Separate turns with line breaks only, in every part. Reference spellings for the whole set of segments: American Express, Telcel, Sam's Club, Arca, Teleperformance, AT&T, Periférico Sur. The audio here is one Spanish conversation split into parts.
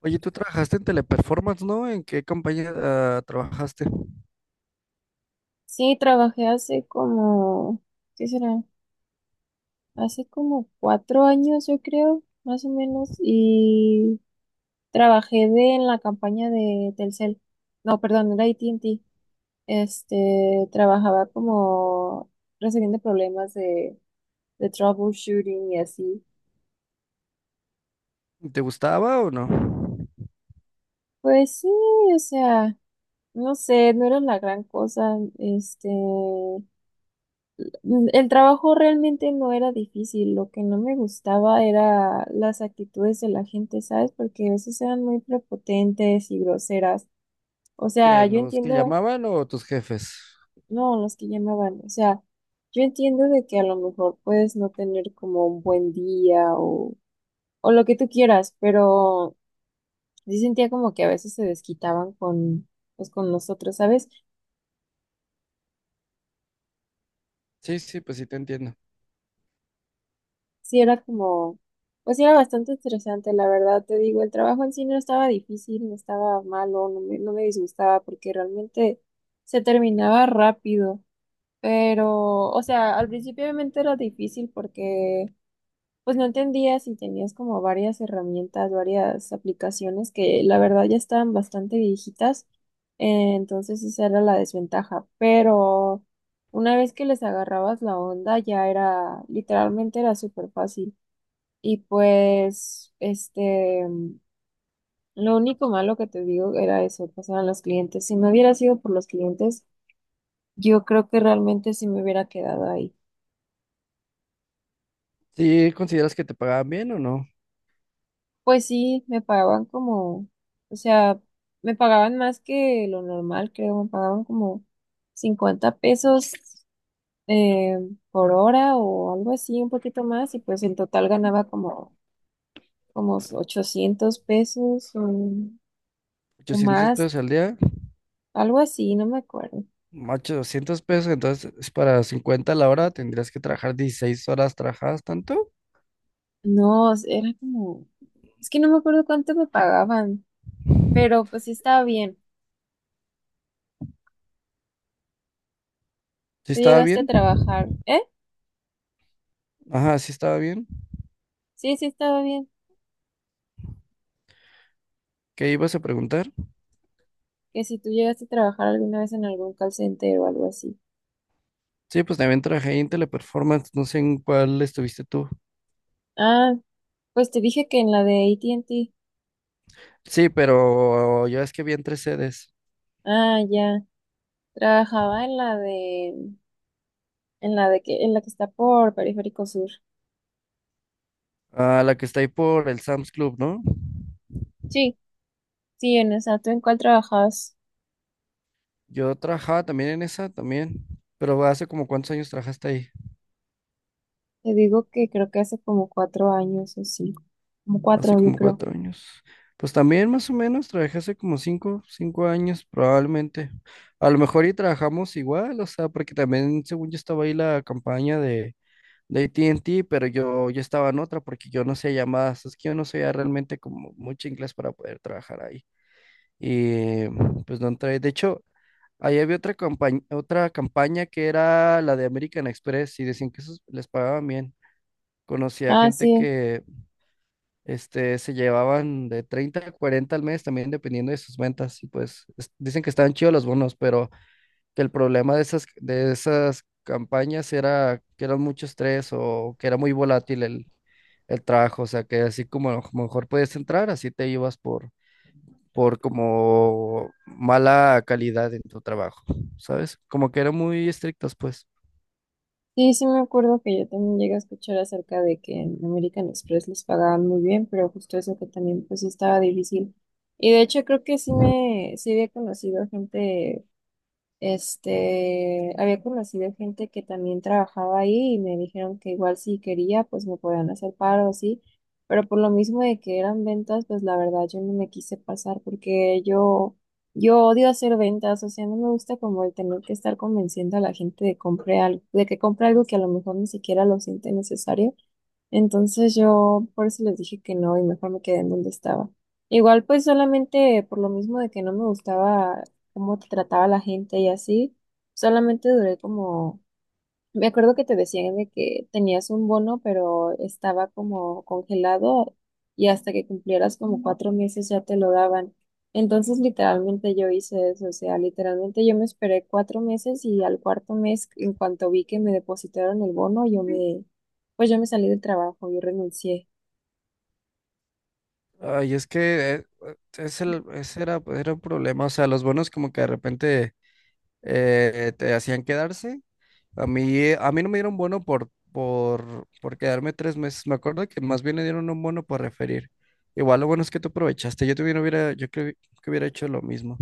Oye, tú trabajaste en Teleperformance, ¿no? ¿En qué compañía trabajaste?
Sí, trabajé hace como, ¿qué será? Hace como 4 años, yo creo, más o menos, y trabajé de, en la campaña de Telcel. No, perdón, era A T and T. Trabajaba como resolviendo problemas de troubleshooting y así.
¿Te gustaba o no?
Pues sí, o sea, no sé, no era la gran cosa. El trabajo realmente no era difícil, lo que no me gustaba era las actitudes de la gente, ¿sabes? Porque a veces eran muy prepotentes y groseras. O sea,
¿Quién?
yo
¿Los que
entiendo,
llamaban o tus jefes?
no, los que llamaban, o sea, yo entiendo de que a lo mejor puedes no tener como un buen día o lo que tú quieras, pero sí sentía como que a veces se desquitaban con, pues, con nosotros, ¿sabes?
Sí, sí, pues sí te entiendo.
Sí, era como, pues sí, era bastante estresante, la verdad, te digo, el trabajo en sí no estaba difícil, no estaba malo, no me disgustaba porque realmente se terminaba rápido, pero, o sea, al principio obviamente era difícil porque pues no entendías y tenías como varias herramientas, varias aplicaciones que la verdad ya estaban bastante viejitas, entonces esa era la desventaja, pero una vez que les agarrabas la onda ya era, literalmente era súper fácil. Y pues, lo único malo que te digo era eso, pasaban los clientes. Si no hubiera sido por los clientes, yo creo que realmente sí me hubiera quedado ahí.
¿Sí consideras que te pagaban bien o no?
Pues sí, me pagaban como, o sea, me pagaban más que lo normal, creo, me pagaban como 50 pesos eh, por hora o algo así, un poquito más, y pues en total ganaba como, como 800 pesos o
800
más,
pesos al día,
algo así, no me acuerdo.
800 pesos, entonces es para 50 la hora tendrías que trabajar 16 horas trabajadas, ¿tanto?
No, era como, es que no me acuerdo cuánto me pagaban, pero pues sí estaba bien.
¿Sí
Tú
estaba
llegaste a
bien?
trabajar, ¿eh?
Ajá, sí estaba bien.
Sí, sí estaba bien.
¿Qué ibas a preguntar?
Que si tú llegaste a trabajar alguna vez en algún call center o algo así.
Sí, pues también trabajé ahí en Teleperformance, no sé en cuál estuviste tú.
Ah, pues te dije que en la de AT&T.
Sí, pero yo es que vi en tres sedes.
Ah, ya. Trabajaba en en la de que, en la que está por Periférico Sur.
Ah, la que está ahí por el Sam's Club, ¿no?
Sí, sí, en esa. ¿Tú en cuál trabajabas?
Yo trabajaba también en esa, también. ¿Pero hace como cuántos años trabajaste ahí?
Te digo que creo que hace como 4 años o 5, como
Hace
cuatro, yo
como
creo.
4 años. Pues también más o menos trabajé hace como cinco años probablemente. A lo mejor y trabajamos igual, o sea, porque también según yo estaba ahí la campaña de A T and T, pero yo estaba en otra porque yo no sé llamadas. Es que yo no sabía realmente como mucho inglés para poder trabajar ahí. Y pues no entré. De hecho, ahí había otra campaña que era la de American Express y decían que esos les pagaban bien. Conocí a
Ah,
gente
sí.
que se llevaban de 30 a 40 al mes también dependiendo de sus ventas. Y pues dicen que estaban chidos los bonos, pero que el problema de de esas campañas era que eran mucho estrés o que era muy volátil el trabajo. O sea, que así como a lo mejor podías entrar, así te ibas por como mala calidad en tu trabajo, ¿sabes? Como que eran muy estrictos, pues.
Sí, sí me acuerdo que yo también llegué a escuchar acerca de que en American Express les pagaban muy bien, pero justo eso que también pues sí estaba difícil. Y de hecho creo que sí había conocido gente había conocido gente que también trabajaba ahí y me dijeron que igual si quería, pues me podían hacer paro así, pero por lo mismo de que eran ventas, pues la verdad yo no me quise pasar porque yo odio hacer ventas, o sea, no me gusta como el tener que estar convenciendo a la gente de que compre algo que a lo mejor ni siquiera lo siente necesario. Entonces yo por eso les dije que no y mejor me quedé en donde estaba. Igual pues solamente por lo mismo de que no me gustaba cómo te trataba la gente y así, solamente duré como me acuerdo que te decían de que tenías un bono, pero estaba como congelado y hasta que cumplieras como 4 meses ya te lo daban. Entonces, literalmente yo hice eso, o sea, literalmente yo me esperé 4 meses y al cuarto mes, en cuanto vi que me depositaron el bono, pues yo me salí del trabajo, yo renuncié.
Ay, es que ese era un problema, o sea, los bonos como que de repente te hacían quedarse. A mí no me dieron bono por quedarme 3 meses. Me acuerdo que más bien le dieron un bono por referir. Igual lo bueno es que tú aprovechaste. Yo también hubiera, yo creo que hubiera hecho lo mismo.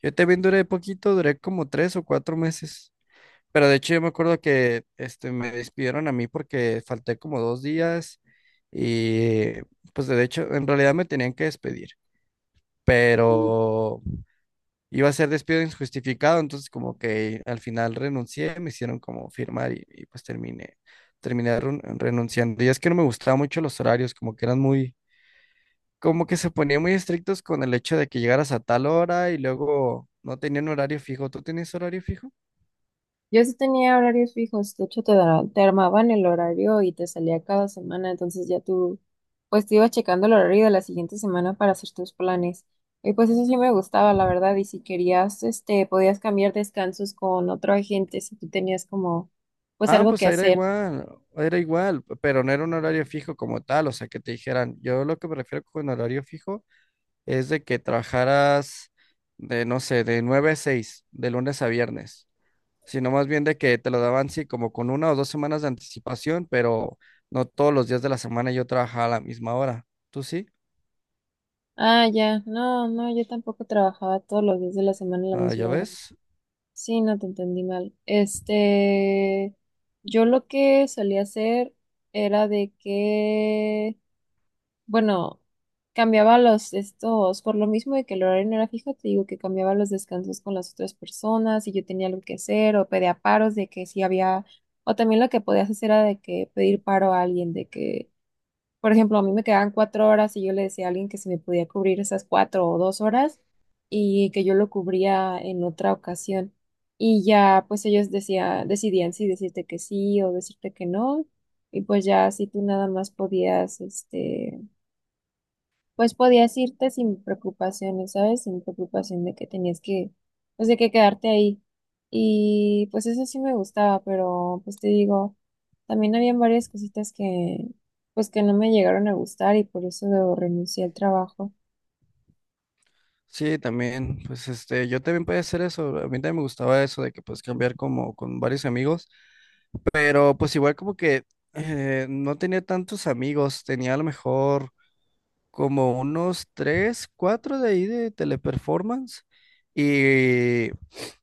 Yo también duré poquito, duré como 3 o 4 meses. Pero de hecho yo me acuerdo que me despidieron a mí porque falté como 2 días y pues de hecho en realidad me tenían que despedir, pero iba a ser despido injustificado, entonces como que al final renuncié, me hicieron como firmar y, pues terminé renunciando. Y es que no me gustaban mucho los horarios, como que como que se ponían muy estrictos con el hecho de que llegaras a tal hora y luego no tenían horario fijo. ¿Tú tenías horario fijo?
Yo sí tenía horarios fijos, de hecho te armaban el horario y te salía cada semana, entonces ya tú, pues te ibas checando el horario de la siguiente semana para hacer tus planes. Y pues eso sí me gustaba, la verdad, y si querías, podías cambiar descansos con otro agente si tú tenías como, pues
Ah,
algo
pues
que
era
hacer.
igual, era igual, pero no era un horario fijo como tal, o sea, que te dijeran, yo lo que me refiero con horario fijo es de que trabajaras de, no sé, de 9 a 6, de lunes a viernes, sino más bien de que te lo daban, sí, como con una o dos semanas de anticipación, pero no todos los días de la semana yo trabajaba a la misma hora. ¿Tú sí?
Ah, ya, no, no, yo tampoco trabajaba todos los días de la semana a la
Ah, ya
misma hora.
ves.
Sí, no te entendí mal. Yo lo que solía hacer era de que... Bueno, cambiaba los estos, por lo mismo de que el horario no era fijo, te digo que cambiaba los descansos con las otras personas y yo tenía algo que hacer o pedía paros de que si había, o también lo que podías hacer era de que pedir paro a alguien, de que, por ejemplo, a mí me quedaban 4 horas y yo le decía a alguien que se me podía cubrir esas 4 o 2 horas y que yo lo cubría en otra ocasión. Y ya, pues decidían si decirte que sí o decirte que no. Y pues ya, si tú nada más podías, pues podías irte sin preocupaciones, ¿sabes? Sin preocupación de que tenías que, pues de que quedarte ahí. Y pues eso sí me gustaba, pero pues te digo, también habían varias cositas que, pues que no me llegaron a gustar y por eso renuncié al trabajo.
Sí, también, pues yo también podía hacer eso, a mí también me gustaba eso de que pues cambiar como con varios amigos. Pero pues igual como que no tenía tantos amigos, tenía a lo mejor como unos tres, cuatro de ahí de Teleperformance. Y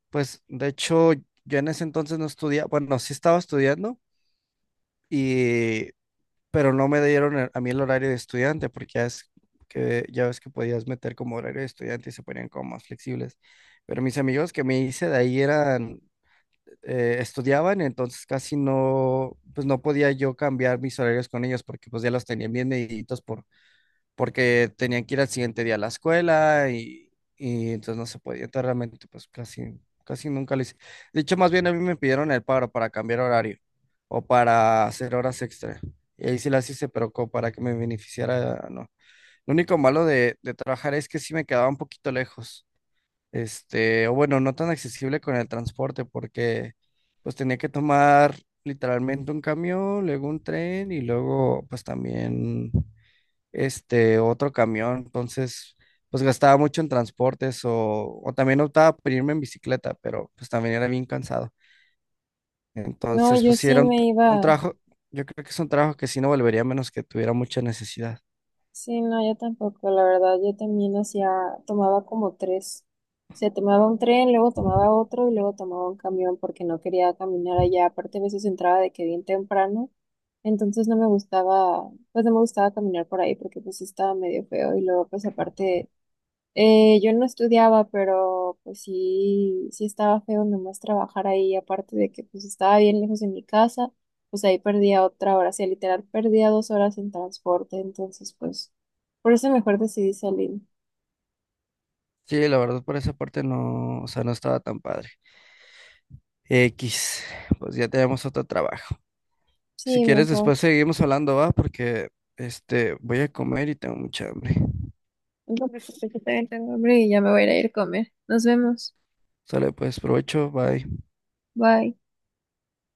pues de hecho yo en ese entonces no estudiaba, bueno, sí estaba estudiando, y, pero no me dieron a mí el horario de estudiante porque ya, es que, ya ves que podías meter como horario de estudiante y se ponían como más flexibles. Pero mis amigos que me hice de ahí eran estudiaban, entonces casi no, pues no podía yo cambiar mis horarios con ellos porque pues ya los tenían bien mediditos porque tenían que ir al siguiente día a la escuela y entonces no se podía, entonces realmente pues casi, casi nunca lo hice. De hecho, más bien a mí me pidieron el paro para cambiar horario o para hacer horas extra. Y ahí sí las hice, pero como para que me beneficiara, no. Lo único malo de trabajar es que sí me quedaba un poquito lejos o bueno, no tan accesible con el transporte porque pues tenía que tomar literalmente un camión, luego un tren y luego pues también este otro camión, entonces pues gastaba mucho en transportes o también optaba por irme en bicicleta, pero pues también era bien cansado.
No,
Entonces
yo
pues sí
sí
era un, t-
me
un
iba.
trabajo, yo creo que es un trabajo que sí no volvería a menos que tuviera mucha necesidad.
Sí, no, yo tampoco, la verdad, yo también hacía, tomaba como tres. O sea, tomaba un tren, luego tomaba otro y luego tomaba un camión porque no quería caminar allá. Aparte, a veces entraba de que bien temprano, entonces no me gustaba, pues no me gustaba caminar por ahí porque pues estaba medio feo y luego pues aparte yo no estudiaba, pero pues sí, sí estaba feo nomás trabajar ahí, aparte de que pues estaba bien lejos de mi casa, pues ahí perdía otra hora, o sea, literal perdía 2 horas en transporte, entonces pues por eso mejor decidí salir.
Sí, la verdad por esa parte no, o sea, no estaba tan padre. X, pues ya tenemos otro trabajo. Si
Sí,
quieres,
mejor.
después seguimos hablando, ¿va? Porque voy a comer y tengo mucha hambre.
No me preocupes, yo también tengo hambre y ya me voy a ir a comer. Nos vemos.
Sale, pues, provecho, bye.
Bye.